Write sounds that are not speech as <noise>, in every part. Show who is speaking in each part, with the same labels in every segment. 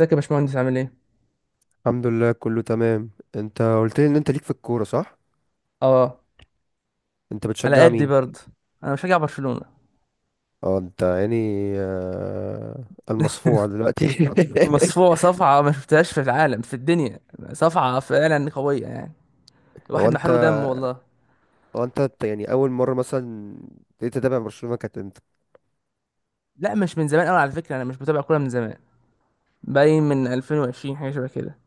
Speaker 1: ازيك يا باشمهندس عامل ايه؟
Speaker 2: الحمد لله، كله تمام. انت قلت لي ان انت ليك في الكورة، صح؟
Speaker 1: اه،
Speaker 2: انت
Speaker 1: على
Speaker 2: بتشجع
Speaker 1: قدي
Speaker 2: مين؟
Speaker 1: برضه. انا مشجع برشلونة.
Speaker 2: اه، انت يعني آه، المصفوع دلوقتي <laughs>
Speaker 1: مصفوعة صفعة ما شفتهاش في العالم في الدنيا. صفعة فعلا قوية يعني،
Speaker 2: هو
Speaker 1: الواحد
Speaker 2: انت
Speaker 1: محروق دم والله.
Speaker 2: هو انت يعني اول مرة مثلا ابتديت تتابع برشلونة كانت امتى؟
Speaker 1: لا مش من زمان قوي على فكرة، انا مش بتابع كورة من زمان. باين من 2020 حاجة شبه كده.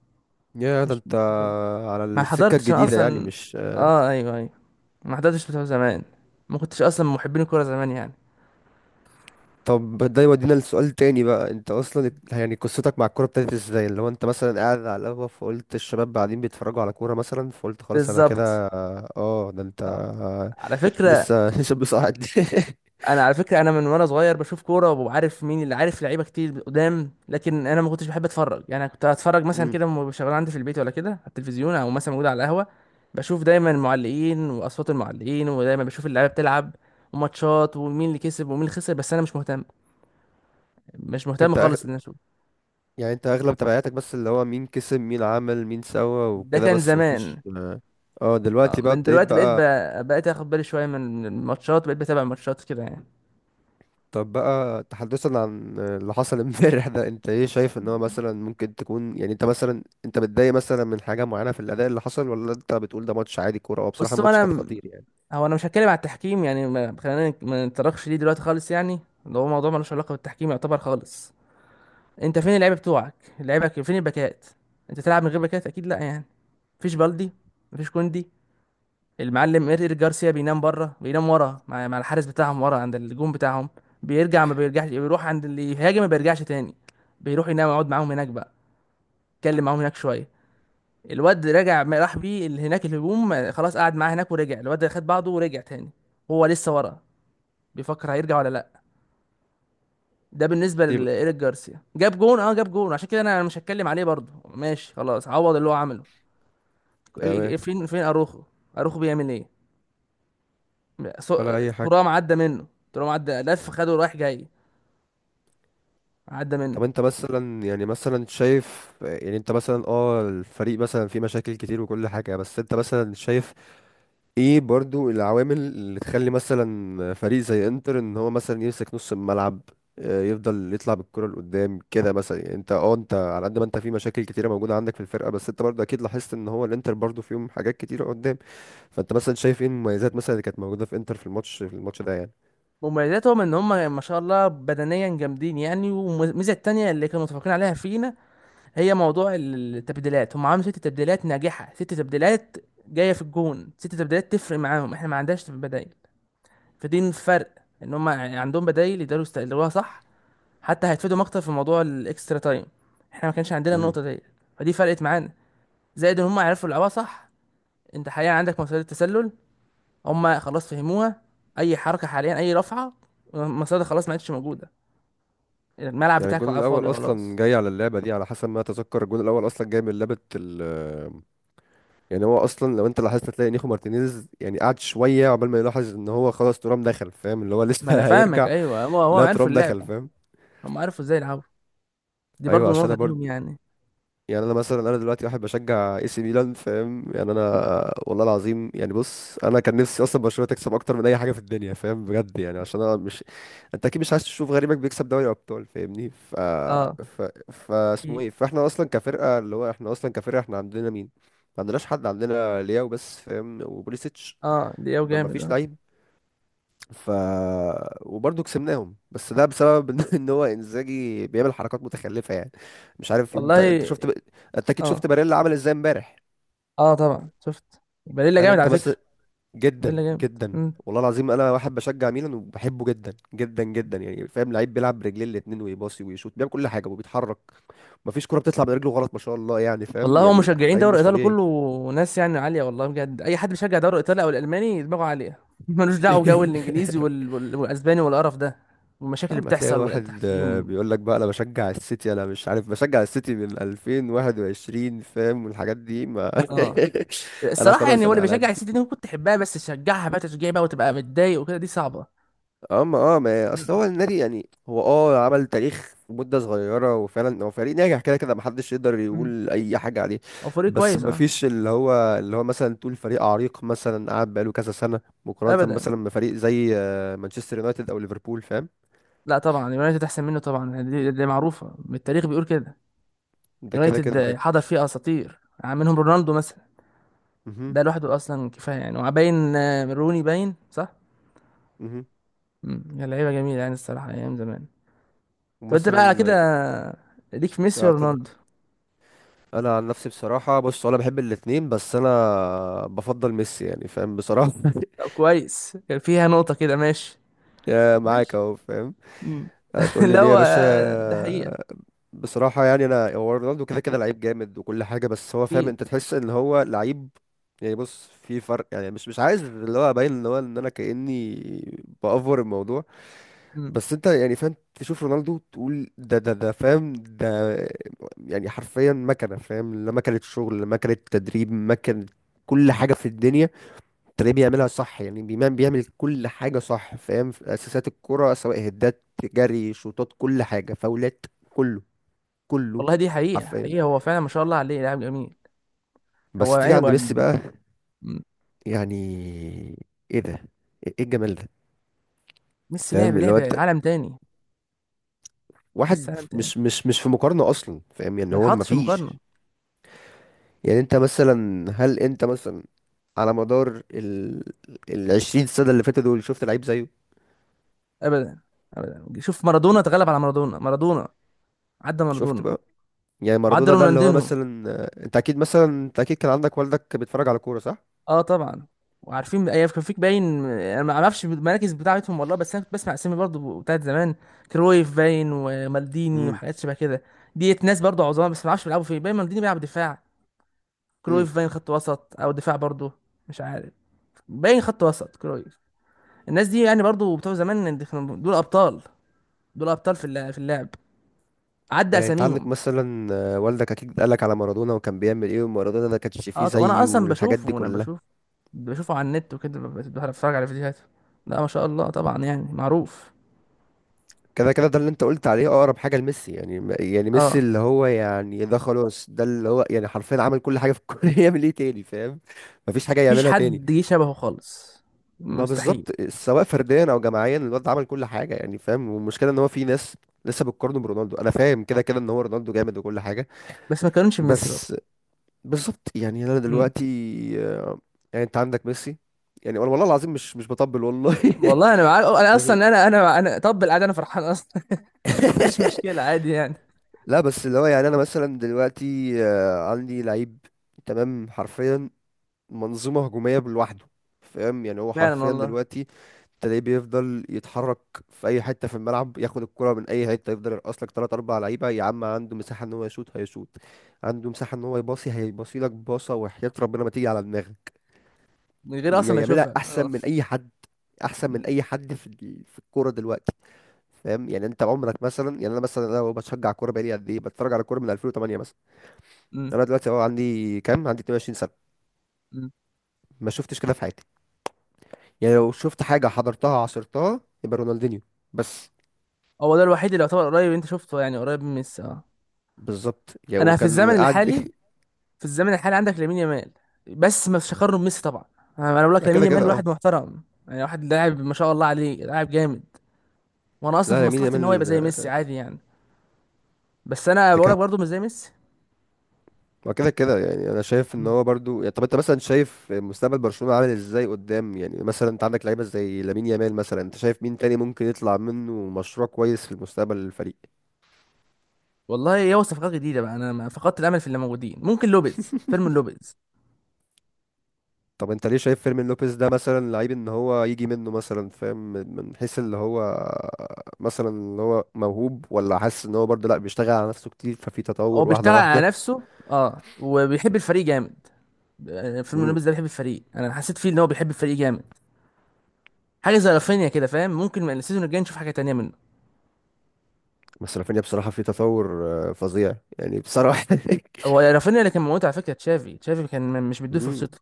Speaker 2: يا ده
Speaker 1: مش
Speaker 2: انت،
Speaker 1: مش مش
Speaker 2: على
Speaker 1: ما
Speaker 2: السكة
Speaker 1: حضرتش انا
Speaker 2: الجديدة يعني
Speaker 1: اصلا.
Speaker 2: مش...
Speaker 1: اه ايوه ايوه، ما حضرتش بتوع زمان. ما كنتش اصلا من محبين الكورة زمان يعني.
Speaker 2: طب ده يودينا لسؤال تاني بقى. انت اصلا يعني قصتك مع الكوره ابتدت ازاي؟ اللي هو انت مثلا قاعد على القهوه فقلت الشباب قاعدين بيتفرجوا على كوره مثلا، فقلت خلاص انا
Speaker 1: بالظبط.
Speaker 2: كده. اه، ده انت
Speaker 1: آه. على فكرة،
Speaker 2: لسه <laughs> شاب صاعد <laughs>
Speaker 1: انا على فكره انا من وانا صغير بشوف كوره وعارف مين اللي عارف لعيبه كتير قدام، لكن انا ما كنتش بحب اتفرج يعني. كنت اتفرج مثلا
Speaker 2: مم.
Speaker 1: كده وأنا شغال عندي في البيت، ولا كده على التلفزيون، او مثلا موجود على القهوه. بشوف دايما المعلقين واصوات المعلقين، ودايما بشوف اللعيبه بتلعب وماتشات ومين اللي كسب ومين اللي خسر، بس انا مش مهتم. مش مهتم
Speaker 2: انت أغ...
Speaker 1: خالص ان أنا اشوف.
Speaker 2: يعني انت اغلب تبعاتك، بس اللي هو مين كسب، مين عمل، مين سوى،
Speaker 1: ده
Speaker 2: وكده
Speaker 1: كان
Speaker 2: بس مفيش.
Speaker 1: زمان.
Speaker 2: اه،
Speaker 1: اه
Speaker 2: دلوقتي بقى
Speaker 1: من
Speaker 2: ابتديت
Speaker 1: دلوقتي
Speaker 2: بقى.
Speaker 1: بقيت اخد بالي شويه من من الماتشات، بقيت بتابع الماتشات كده يعني.
Speaker 2: طب بقى تحدثا عن اللي حصل <laughs> امبارح ده، انت ايه شايف؟ ان هو مثلا ممكن تكون يعني، انت مثلا انت متضايق مثلا من حاجة معينة في الأداء اللي حصل، ولا انت بتقول ده ماتش عادي؟ كورة هو بصراحة
Speaker 1: بص
Speaker 2: الماتش كان
Speaker 1: انا،
Speaker 2: خطير يعني.
Speaker 1: هو انا مش هتكلم على التحكيم يعني، ما خلينا ما نتطرقش ليه دلوقتي خالص يعني. اللي هو موضوع ملوش علاقه بالتحكيم يعتبر خالص. انت فين اللعيبه بتوعك؟ اللعيبه فين الباكات؟ انت تلعب من غير باكات؟ اكيد لا يعني. مفيش بالدي، مفيش كوندي. المعلم ايريك جارسيا بينام بره، بينام ورا مع الحارس بتاعهم ورا عند الجون بتاعهم. بيرجع ما بيرجعش، بيروح عند اللي يهاجم، ما بيرجعش تاني. بيروح ينام يقعد معاهم هناك بقى، يتكلم معاهم هناك شويه. الواد رجع ما راح بيه اللي هناك الهجوم، خلاص قعد معاه هناك ورجع الواد خد بعضه ورجع تاني. هو لسه ورا، بيفكر هيرجع ولا لا. ده بالنسبه
Speaker 2: طيب.
Speaker 1: لايريك جارسيا، جاب جون. اه جاب جون، عشان كده انا مش هتكلم عليه برضه، ماشي خلاص عوض اللي هو عمله. إيه- إيه-
Speaker 2: تمام.
Speaker 1: إيه، فين فين اروخو؟ اروخو بيعمل ايه؟ سو-
Speaker 2: ولا أي حاجة.
Speaker 1: ترام عدى منه. ترام عدى لف خده رايح جاي، عدى منه.
Speaker 2: طب انت مثلا يعني مثلا شايف، يعني انت مثلا اه الفريق مثلا فيه مشاكل كتير وكل حاجة، بس انت مثلا شايف ايه برضو العوامل اللي تخلي مثلا فريق زي انتر ان هو مثلا يمسك نص الملعب، يفضل يطلع بالكرة لقدام كده مثلا؟ يعني انت، اه، انت على قد ما انت في مشاكل كتيرة موجودة عندك في الفرقة، بس انت برضو اكيد لاحظت ان هو الانتر برضو فيهم حاجات كتيرة قدام. فانت مثلا شايف ايه المميزات مثلا اللي كانت موجودة في انتر في الماتش، في الماتش ده يعني؟
Speaker 1: مميزاتهم ان هم ما شاء الله بدنيا جامدين يعني. والميزه التانيه اللي كانوا متفقين عليها فينا هي موضوع التبديلات. هم عملوا ست تبديلات ناجحه، ست تبديلات جايه في الجون. ست تبديلات تفرق معاهم، احنا ما عندناش بدائل. فدي الفرق، ان هم عندهم بدايل يقدروا يستغلوها صح. حتى هيتفيدوا اكتر في موضوع الاكسترا تايم، احنا ما كانش عندنا
Speaker 2: امم.
Speaker 1: النقطه دي. فدي فرقت معانا. زائد ان هم عرفوا يلعبوها صح. انت حاليا عندك مصيدة التسلل، هم خلاص فهموها. اي حركه حاليا، اي رفعه، المصيدة خلاص ما عادش موجوده، الملعب
Speaker 2: يعني
Speaker 1: بتاعك
Speaker 2: الجون
Speaker 1: بقى فاضي
Speaker 2: الاول اصلا
Speaker 1: خلاص.
Speaker 2: جاي على اللعبة دي، على حسب ما اتذكر الجون الاول اصلا جاي من لعبة. يعني هو اصلا لو انت لاحظت هتلاقي نيخو مارتينيز يعني قعد شويه عقبال ما يلاحظ ان هو خلاص ترام دخل، فاهم؟ اللي هو
Speaker 1: ما انا
Speaker 2: لسه <laughs>
Speaker 1: فاهمك،
Speaker 2: هيرجع.
Speaker 1: ايوه هو هو
Speaker 2: لا،
Speaker 1: عرفوا
Speaker 2: ترام دخل،
Speaker 1: اللعبه.
Speaker 2: فاهم.
Speaker 1: هم عرفوا ازاي يلعبوا، دي
Speaker 2: ايوه،
Speaker 1: برضو
Speaker 2: عشان
Speaker 1: نقطه
Speaker 2: انا برضه،
Speaker 1: ليهم يعني.
Speaker 2: يعني انا مثلا انا دلوقتي واحد بشجع اي سي ميلان، فاهم يعني؟ انا والله العظيم يعني بص، انا كان نفسي اصلا برشلونه تكسب اكتر من اي حاجه في الدنيا، فاهم بجد يعني؟ عشان انا مش... انت اكيد مش عايز تشوف غريمك بيكسب دوري ابطال، فاهمني؟ ف
Speaker 1: اه
Speaker 2: ف فا اسمه
Speaker 1: اكيد.
Speaker 2: ايه، فاحنا اصلا كفرقه، اللي هو احنا اصلا كفرقه احنا عندنا مين؟ ما عندناش حد. عندنا لياو بس، فاهم، وبوليسيتش.
Speaker 1: اه دي او
Speaker 2: ما ما
Speaker 1: جامد
Speaker 2: فيش
Speaker 1: اه.
Speaker 2: لعيب. ف وبرضه كسبناهم، بس ده بسبب <laughs> ان هو انزاجي بيعمل حركات متخلفه يعني. مش عارف
Speaker 1: والله.
Speaker 2: انت اكيد
Speaker 1: اه،
Speaker 2: شفت باريلا عمل ازاي امبارح؟
Speaker 1: اه طبعا شفت. بليلة
Speaker 2: هل
Speaker 1: جامد
Speaker 2: انت
Speaker 1: على
Speaker 2: بس...
Speaker 1: فكره. ده
Speaker 2: جدا
Speaker 1: اللي جامد.
Speaker 2: جدا،
Speaker 1: مم.
Speaker 2: والله العظيم انا واحد بشجع ميلان وبحبه جدا جدا جدا يعني، فاهم؟ لعيب بيلعب برجليه الاتنين ويباصي ويشوط، بيعمل كل حاجه وبيتحرك. مفيش كرة بتطلع من رجله غلط، ما شاء الله يعني، فاهم
Speaker 1: والله هو
Speaker 2: يعني.
Speaker 1: مشجعين
Speaker 2: لعيب
Speaker 1: دوري
Speaker 2: مش
Speaker 1: ايطالي
Speaker 2: طبيعي.
Speaker 1: كله ناس يعني عاليه، والله بجد. اي حد بيشجع دوري ايطالي او الالماني دماغه عاليه <laughs> ملوش دعوه بجو الانجليزي
Speaker 2: <laughs>
Speaker 1: والاسباني والقرف ده والمشاكل
Speaker 2: يا
Speaker 1: اللي
Speaker 2: عم، هتلاقي
Speaker 1: بتحصل
Speaker 2: واحد
Speaker 1: والتحكيم.
Speaker 2: بيقول لك بقى انا بشجع السيتي، انا مش عارف بشجع السيتي من 2021، فاهم؟ والحاجات دي ما <laughs>
Speaker 1: اه.
Speaker 2: انا
Speaker 1: الصراحه يعني،
Speaker 2: خلاص،
Speaker 1: هو
Speaker 2: انا
Speaker 1: اللي
Speaker 2: على
Speaker 1: بيشجع
Speaker 2: قدي.
Speaker 1: السيتي دي كنت تحبها، بس تشجعها بقى تشجيع بقى وتبقى متضايق وكده، دي صعبه.
Speaker 2: اما، اه، ما اصل
Speaker 1: مم.
Speaker 2: هو النادي يعني، هو، اه، عمل تاريخ في مدة صغيرة، وفعلا هو فريق ناجح، كده كده محدش يقدر
Speaker 1: مم.
Speaker 2: يقول اي حاجة عليه.
Speaker 1: هو فريق
Speaker 2: بس
Speaker 1: كويس اه.
Speaker 2: مفيش اللي هو، اللي هو مثلا تقول فريق عريق مثلا قعد بقاله كذا سنة، مقارنة
Speaker 1: ابدا.
Speaker 2: مثلا بفريق زي مانشستر يونايتد او ليفربول، فاهم؟
Speaker 1: لا طبعا يونايتد احسن منه طبعا يعني، دي معروفه، التاريخ بيقول كده.
Speaker 2: ده كده كده
Speaker 1: يونايتد حضر فيه اساطير، منهم رونالدو مثلا.
Speaker 2: مهم.
Speaker 1: ده لوحده اصلا كفايه يعني. وباين آه، روني باين صح.
Speaker 2: مهم.
Speaker 1: مم. يا لعيبه جميله يعني، الصراحه ايام زمان. طب انت بقى
Speaker 2: ومثلا...
Speaker 1: كده، ليك في ميسي
Speaker 2: اه، اتفضل.
Speaker 1: ورونالدو؟
Speaker 2: انا عن نفسي بصراحه بص، انا بحب الاتنين، بس انا بفضل ميسي يعني، فاهم، بصراحه <laughs>
Speaker 1: طب كويس، كان فيها نقطه كده، ماشي.
Speaker 2: يا معاك
Speaker 1: ماشي.
Speaker 2: اهو، فاهم.
Speaker 1: مم.
Speaker 2: هتقول
Speaker 1: <laughs>
Speaker 2: لي
Speaker 1: لا
Speaker 2: ليه يا
Speaker 1: هو
Speaker 2: باشا؟
Speaker 1: آه، ده حقيقه.
Speaker 2: بصراحه يعني، انا، هو رونالدو كده كده لعيب جامد وكل حاجه، بس هو، فاهم،
Speaker 1: اكيد.
Speaker 2: انت تحس ان هو لعيب. يعني بص، في فرق يعني، مش عايز اللي هو ابين ان هو ان انا كاني بافور الموضوع.
Speaker 1: مم.
Speaker 2: بس انت يعني فاهم، تشوف رونالدو تقول ده ده ده، فاهم ده؟ يعني حرفيا مكنه، فاهم، لا مكنه شغل، لا مكنه تدريب، مكنه كل حاجه في الدنيا تلاقيه بيعملها صح يعني. بيعمل كل حاجه صح، فاهم؟ في اساسات الكره، سواء هدات، جري، شوطات، كل حاجه، فاولات، كله كله
Speaker 1: والله دي حقيقه
Speaker 2: حرفيا.
Speaker 1: حقيقه، هو فعلا ما شاء الله عليه لاعب جميل. هو
Speaker 2: بس تيجي
Speaker 1: يعني، هو
Speaker 2: عند ميسي
Speaker 1: يعني.
Speaker 2: بقى،
Speaker 1: مم.
Speaker 2: يعني ايه ده؟ ايه إيه الجمال ده؟
Speaker 1: ميسي لعب
Speaker 2: فاهم اللي هو
Speaker 1: لعب
Speaker 2: انت،
Speaker 1: عالم تاني. ميسي
Speaker 2: واحد
Speaker 1: عالم تاني،
Speaker 2: مش في مقارنه اصلا، فاهم يعني،
Speaker 1: ما
Speaker 2: هو
Speaker 1: تحطش في مقارنه.
Speaker 2: مفيش. يعني انت مثلا، هل انت مثلا على مدار 20 سنة اللي فاتوا دول شفت لعيب زيه؟
Speaker 1: ابدا. ابدا. شوف مارادونا، تغلب على مارادونا. مارادونا، عدى
Speaker 2: شفت
Speaker 1: مارادونا،
Speaker 2: بقى. يعني
Speaker 1: وعدى
Speaker 2: مارادونا ده اللي هو
Speaker 1: رونالدينو.
Speaker 2: مثلا انت اكيد مثلا، انت اكيد كان عندك والدك بيتفرج على كورة، صح؟
Speaker 1: اه طبعا. وعارفين ايام كان فيك باين، انا ما اعرفش المراكز بتاعتهم والله، بس انا كنت بسمع اسامي برضو بتاعت زمان. كرويف باين ومالديني
Speaker 2: امم.
Speaker 1: وحاجات شبه كده. ديت ناس برضو عظام، بس ما اعرفش بيلعبوا فين. باين مالديني بيلعب دفاع،
Speaker 2: امم.
Speaker 1: كرويف باين خط وسط او دفاع برضو، مش عارف. باين خط وسط كرويف. الناس دي يعني برضو بتوع زمان دي كانوا، دول ابطال. دول ابطال في في اللعب، عدى
Speaker 2: يعني انت عندك
Speaker 1: اساميهم.
Speaker 2: مثلا والدك اكيد قالك على مارادونا وكان بيعمل ايه، ومارادونا ده كانش فيه
Speaker 1: اه طب انا
Speaker 2: زيه،
Speaker 1: اصلا
Speaker 2: والحاجات
Speaker 1: بشوفه
Speaker 2: دي
Speaker 1: وانا بشوف،
Speaker 2: كلها.
Speaker 1: بشوفه على النت وكده، بتفرج على فيديوهاته. لا ما شاء الله طبعا يعني، معروف.
Speaker 2: كده كده ده اللي انت قلت عليه اقرب حاجة لميسي، يعني يعني ميسي
Speaker 1: اه.
Speaker 2: اللي هو يعني ده خلاص، ده اللي هو يعني حرفيا عمل كل حاجة في الكورة <laughs> يعمل ايه تاني، فاهم؟ مفيش حاجة
Speaker 1: مفيش
Speaker 2: يعملها تاني.
Speaker 1: حد جه شبهه خالص،
Speaker 2: ما
Speaker 1: مستحيل.
Speaker 2: بالظبط، سواء فرديا او جماعيا، الواد عمل كل حاجه يعني، فاهم. والمشكله ان هو في ناس لسه بتقارنه برونالدو. انا فاهم كده كده ان هو رونالدو جامد وكل حاجه،
Speaker 1: بس ما كانوش ميسي برضه.
Speaker 2: بس. بالظبط يعني، انا
Speaker 1: امم.
Speaker 2: دلوقتي آه، يعني انت عندك ميسي، يعني والله العظيم، مش بطبل والله
Speaker 1: والله انا معاك،
Speaker 2: <laughs>
Speaker 1: انا
Speaker 2: بس...
Speaker 1: اصلا انا طب العادي انا فرحان اصلا. <laughs> مش مشكله عادي يعني.
Speaker 2: لا بس اللي هو يعني انا مثلا دلوقتي عندي لعيب، تمام، حرفيا منظومة هجومية لوحده، فاهم يعني؟ هو
Speaker 1: فعلا
Speaker 2: حرفيا
Speaker 1: والله.
Speaker 2: دلوقتي تلاقيه بيفضل يتحرك في اي حته في الملعب، ياخد الكره من اي حته، يفضل يرقص لك ثلاث اربع لعيبه، يا عم! عنده مساحه ان هو يشوط، هيشوط. عنده مساحه ان هو يباصي، هيباصي لك باصه وحياه ربنا ما تيجي على دماغك.
Speaker 1: من غير اصلا ما
Speaker 2: يعملها
Speaker 1: اشوفها
Speaker 2: احسن
Speaker 1: اه.
Speaker 2: من اي حد، احسن من
Speaker 1: أمم،
Speaker 2: اي حد في في الكوره دلوقتي، فاهم؟ يعني انت عمرك مثلا، يعني انا مثلا انا بشجع كوره بقالي قد ايه، بتفرج على كوره من 2008 مثلا.
Speaker 1: أمم،
Speaker 2: انا دلوقتي اهو عندي كام؟ عندي 22 سنه.
Speaker 1: أمم.
Speaker 2: ما شفتش كده في حياتي. يعني لو شفت حاجة حضرتها عصرتها يبقى رونالدينيو، بس.
Speaker 1: هو ده الوحيد اللي يعتبر قريب انت شفته يعني، قريب من ميسي اه.
Speaker 2: بالظبط يعني،
Speaker 1: انا في
Speaker 2: وكان
Speaker 1: الزمن
Speaker 2: قاعد
Speaker 1: الحالي،
Speaker 2: <laughs>
Speaker 1: في الزمن الحالي عندك لامين يامال، بس ما فيش اقارنه بميسي طبعا. انا أنا بقول
Speaker 2: ما
Speaker 1: لك لامين
Speaker 2: كده كده،
Speaker 1: يامال
Speaker 2: اه.
Speaker 1: واحد محترم يعني، واحد لاعب ما شاء الله عليه، لاعب جامد. وانا اصلا في
Speaker 2: لا، يمين
Speaker 1: مصلحتي ان هو يبقى
Speaker 2: يامال
Speaker 1: زي ميسي عادي يعني. بس انا
Speaker 2: ده
Speaker 1: بقول لك
Speaker 2: كده،
Speaker 1: برضه مش زي ميسي.
Speaker 2: ما كده كده. يعني انا شايف ان هو برضو يعني. طب انت مثلا شايف مستقبل برشلونة عامل ازاي قدام يعني؟ مثلا انت عندك لعيبه زي لامين يامال، مثلا انت شايف مين تاني ممكن يطلع منه مشروع كويس في المستقبل للفريق؟
Speaker 1: والله يا هو، صفقات جديده بقى، انا فقدت الامل في اللي موجودين. ممكن لوبيز، فيرمين لوبيز.
Speaker 2: طب انت ليه شايف فيرمين لوبيز ده مثلا لعيب ان هو يجي منه مثلا، فاهم؟ من حيث اللي هو مثلا اللي هو موهوب، ولا حاسس ان هو برضه لا بيشتغل على نفسه كتير ففي
Speaker 1: هو
Speaker 2: تطور
Speaker 1: بيشتغل
Speaker 2: واحده
Speaker 1: على
Speaker 2: واحده؟
Speaker 1: نفسه اه، وبيحب الفريق جامد. آه، فيرمين
Speaker 2: امم.
Speaker 1: لوبيز ده بيحب الفريق، انا حسيت فيه ان هو بيحب الفريق جامد. حاجه زي رافينيا كده فاهم. ممكن من السيزون الجاي نشوف حاجه تانية منه.
Speaker 2: بس رافينيا بصراحه في تطور فظيع يعني، بصراحه <laughs>
Speaker 1: هو رافينيا اللي كان موجود على فكره، تشافي، تشافي كان مش مديه
Speaker 2: امم.
Speaker 1: فرصته.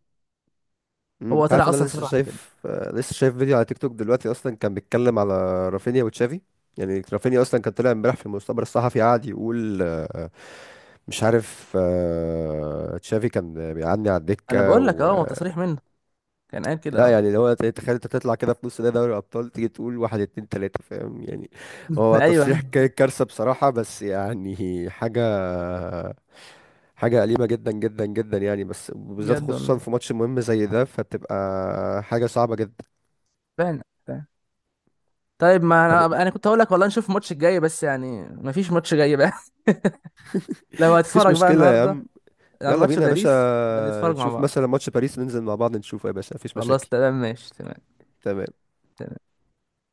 Speaker 2: مم،
Speaker 1: هو
Speaker 2: انت عارف
Speaker 1: طلع
Speaker 2: ان انا
Speaker 1: اصلا
Speaker 2: لسه
Speaker 1: صرح بكده.
Speaker 2: شايف لسه شايف فيديو على تيك توك دلوقتي اصلا كان بيتكلم على رافينيا وتشافي. يعني رافينيا اصلا كان طلع امبارح في المؤتمر الصحفي قاعد يقول مش عارف، تشافي كان بيعدي على
Speaker 1: انا
Speaker 2: الدكة.
Speaker 1: بقول لك، اه هو تصريح منه، كان قال كده
Speaker 2: لا
Speaker 1: اه.
Speaker 2: يعني، لو تخيل انت تطلع كده في نص ده دوري الابطال تيجي تقول واحد، اتنين، تلاته، فاهم يعني؟
Speaker 1: <laughs>
Speaker 2: هو
Speaker 1: ايوه.
Speaker 2: تصريح كارثه بصراحه، بس يعني حاجه، حاجه أليمه جدا جدا جدا يعني، بس بالذات
Speaker 1: بجد والله.
Speaker 2: خصوصا في ماتش مهم زي ده، فتبقى حاجه صعبه جدا.
Speaker 1: فعلا فعلا. طيب، ما
Speaker 2: طب
Speaker 1: انا انا كنت هقول لك والله نشوف الماتش الجاي، بس يعني ما فيش ماتش جاي بقى. <laughs> لو
Speaker 2: مفيش
Speaker 1: هتتفرج بقى
Speaker 2: مشكله يا
Speaker 1: النهارده
Speaker 2: عم.
Speaker 1: على
Speaker 2: يلا
Speaker 1: ماتش
Speaker 2: بينا يا باشا،
Speaker 1: باريس، بنتفرج مع
Speaker 2: نشوف
Speaker 1: بعض.
Speaker 2: مثلا ماتش باريس، ننزل مع بعض نشوفه يا باشا، مفيش
Speaker 1: خلاص
Speaker 2: مشاكل.
Speaker 1: تمام ماشي، تمام.
Speaker 2: تمام.
Speaker 1: تمام.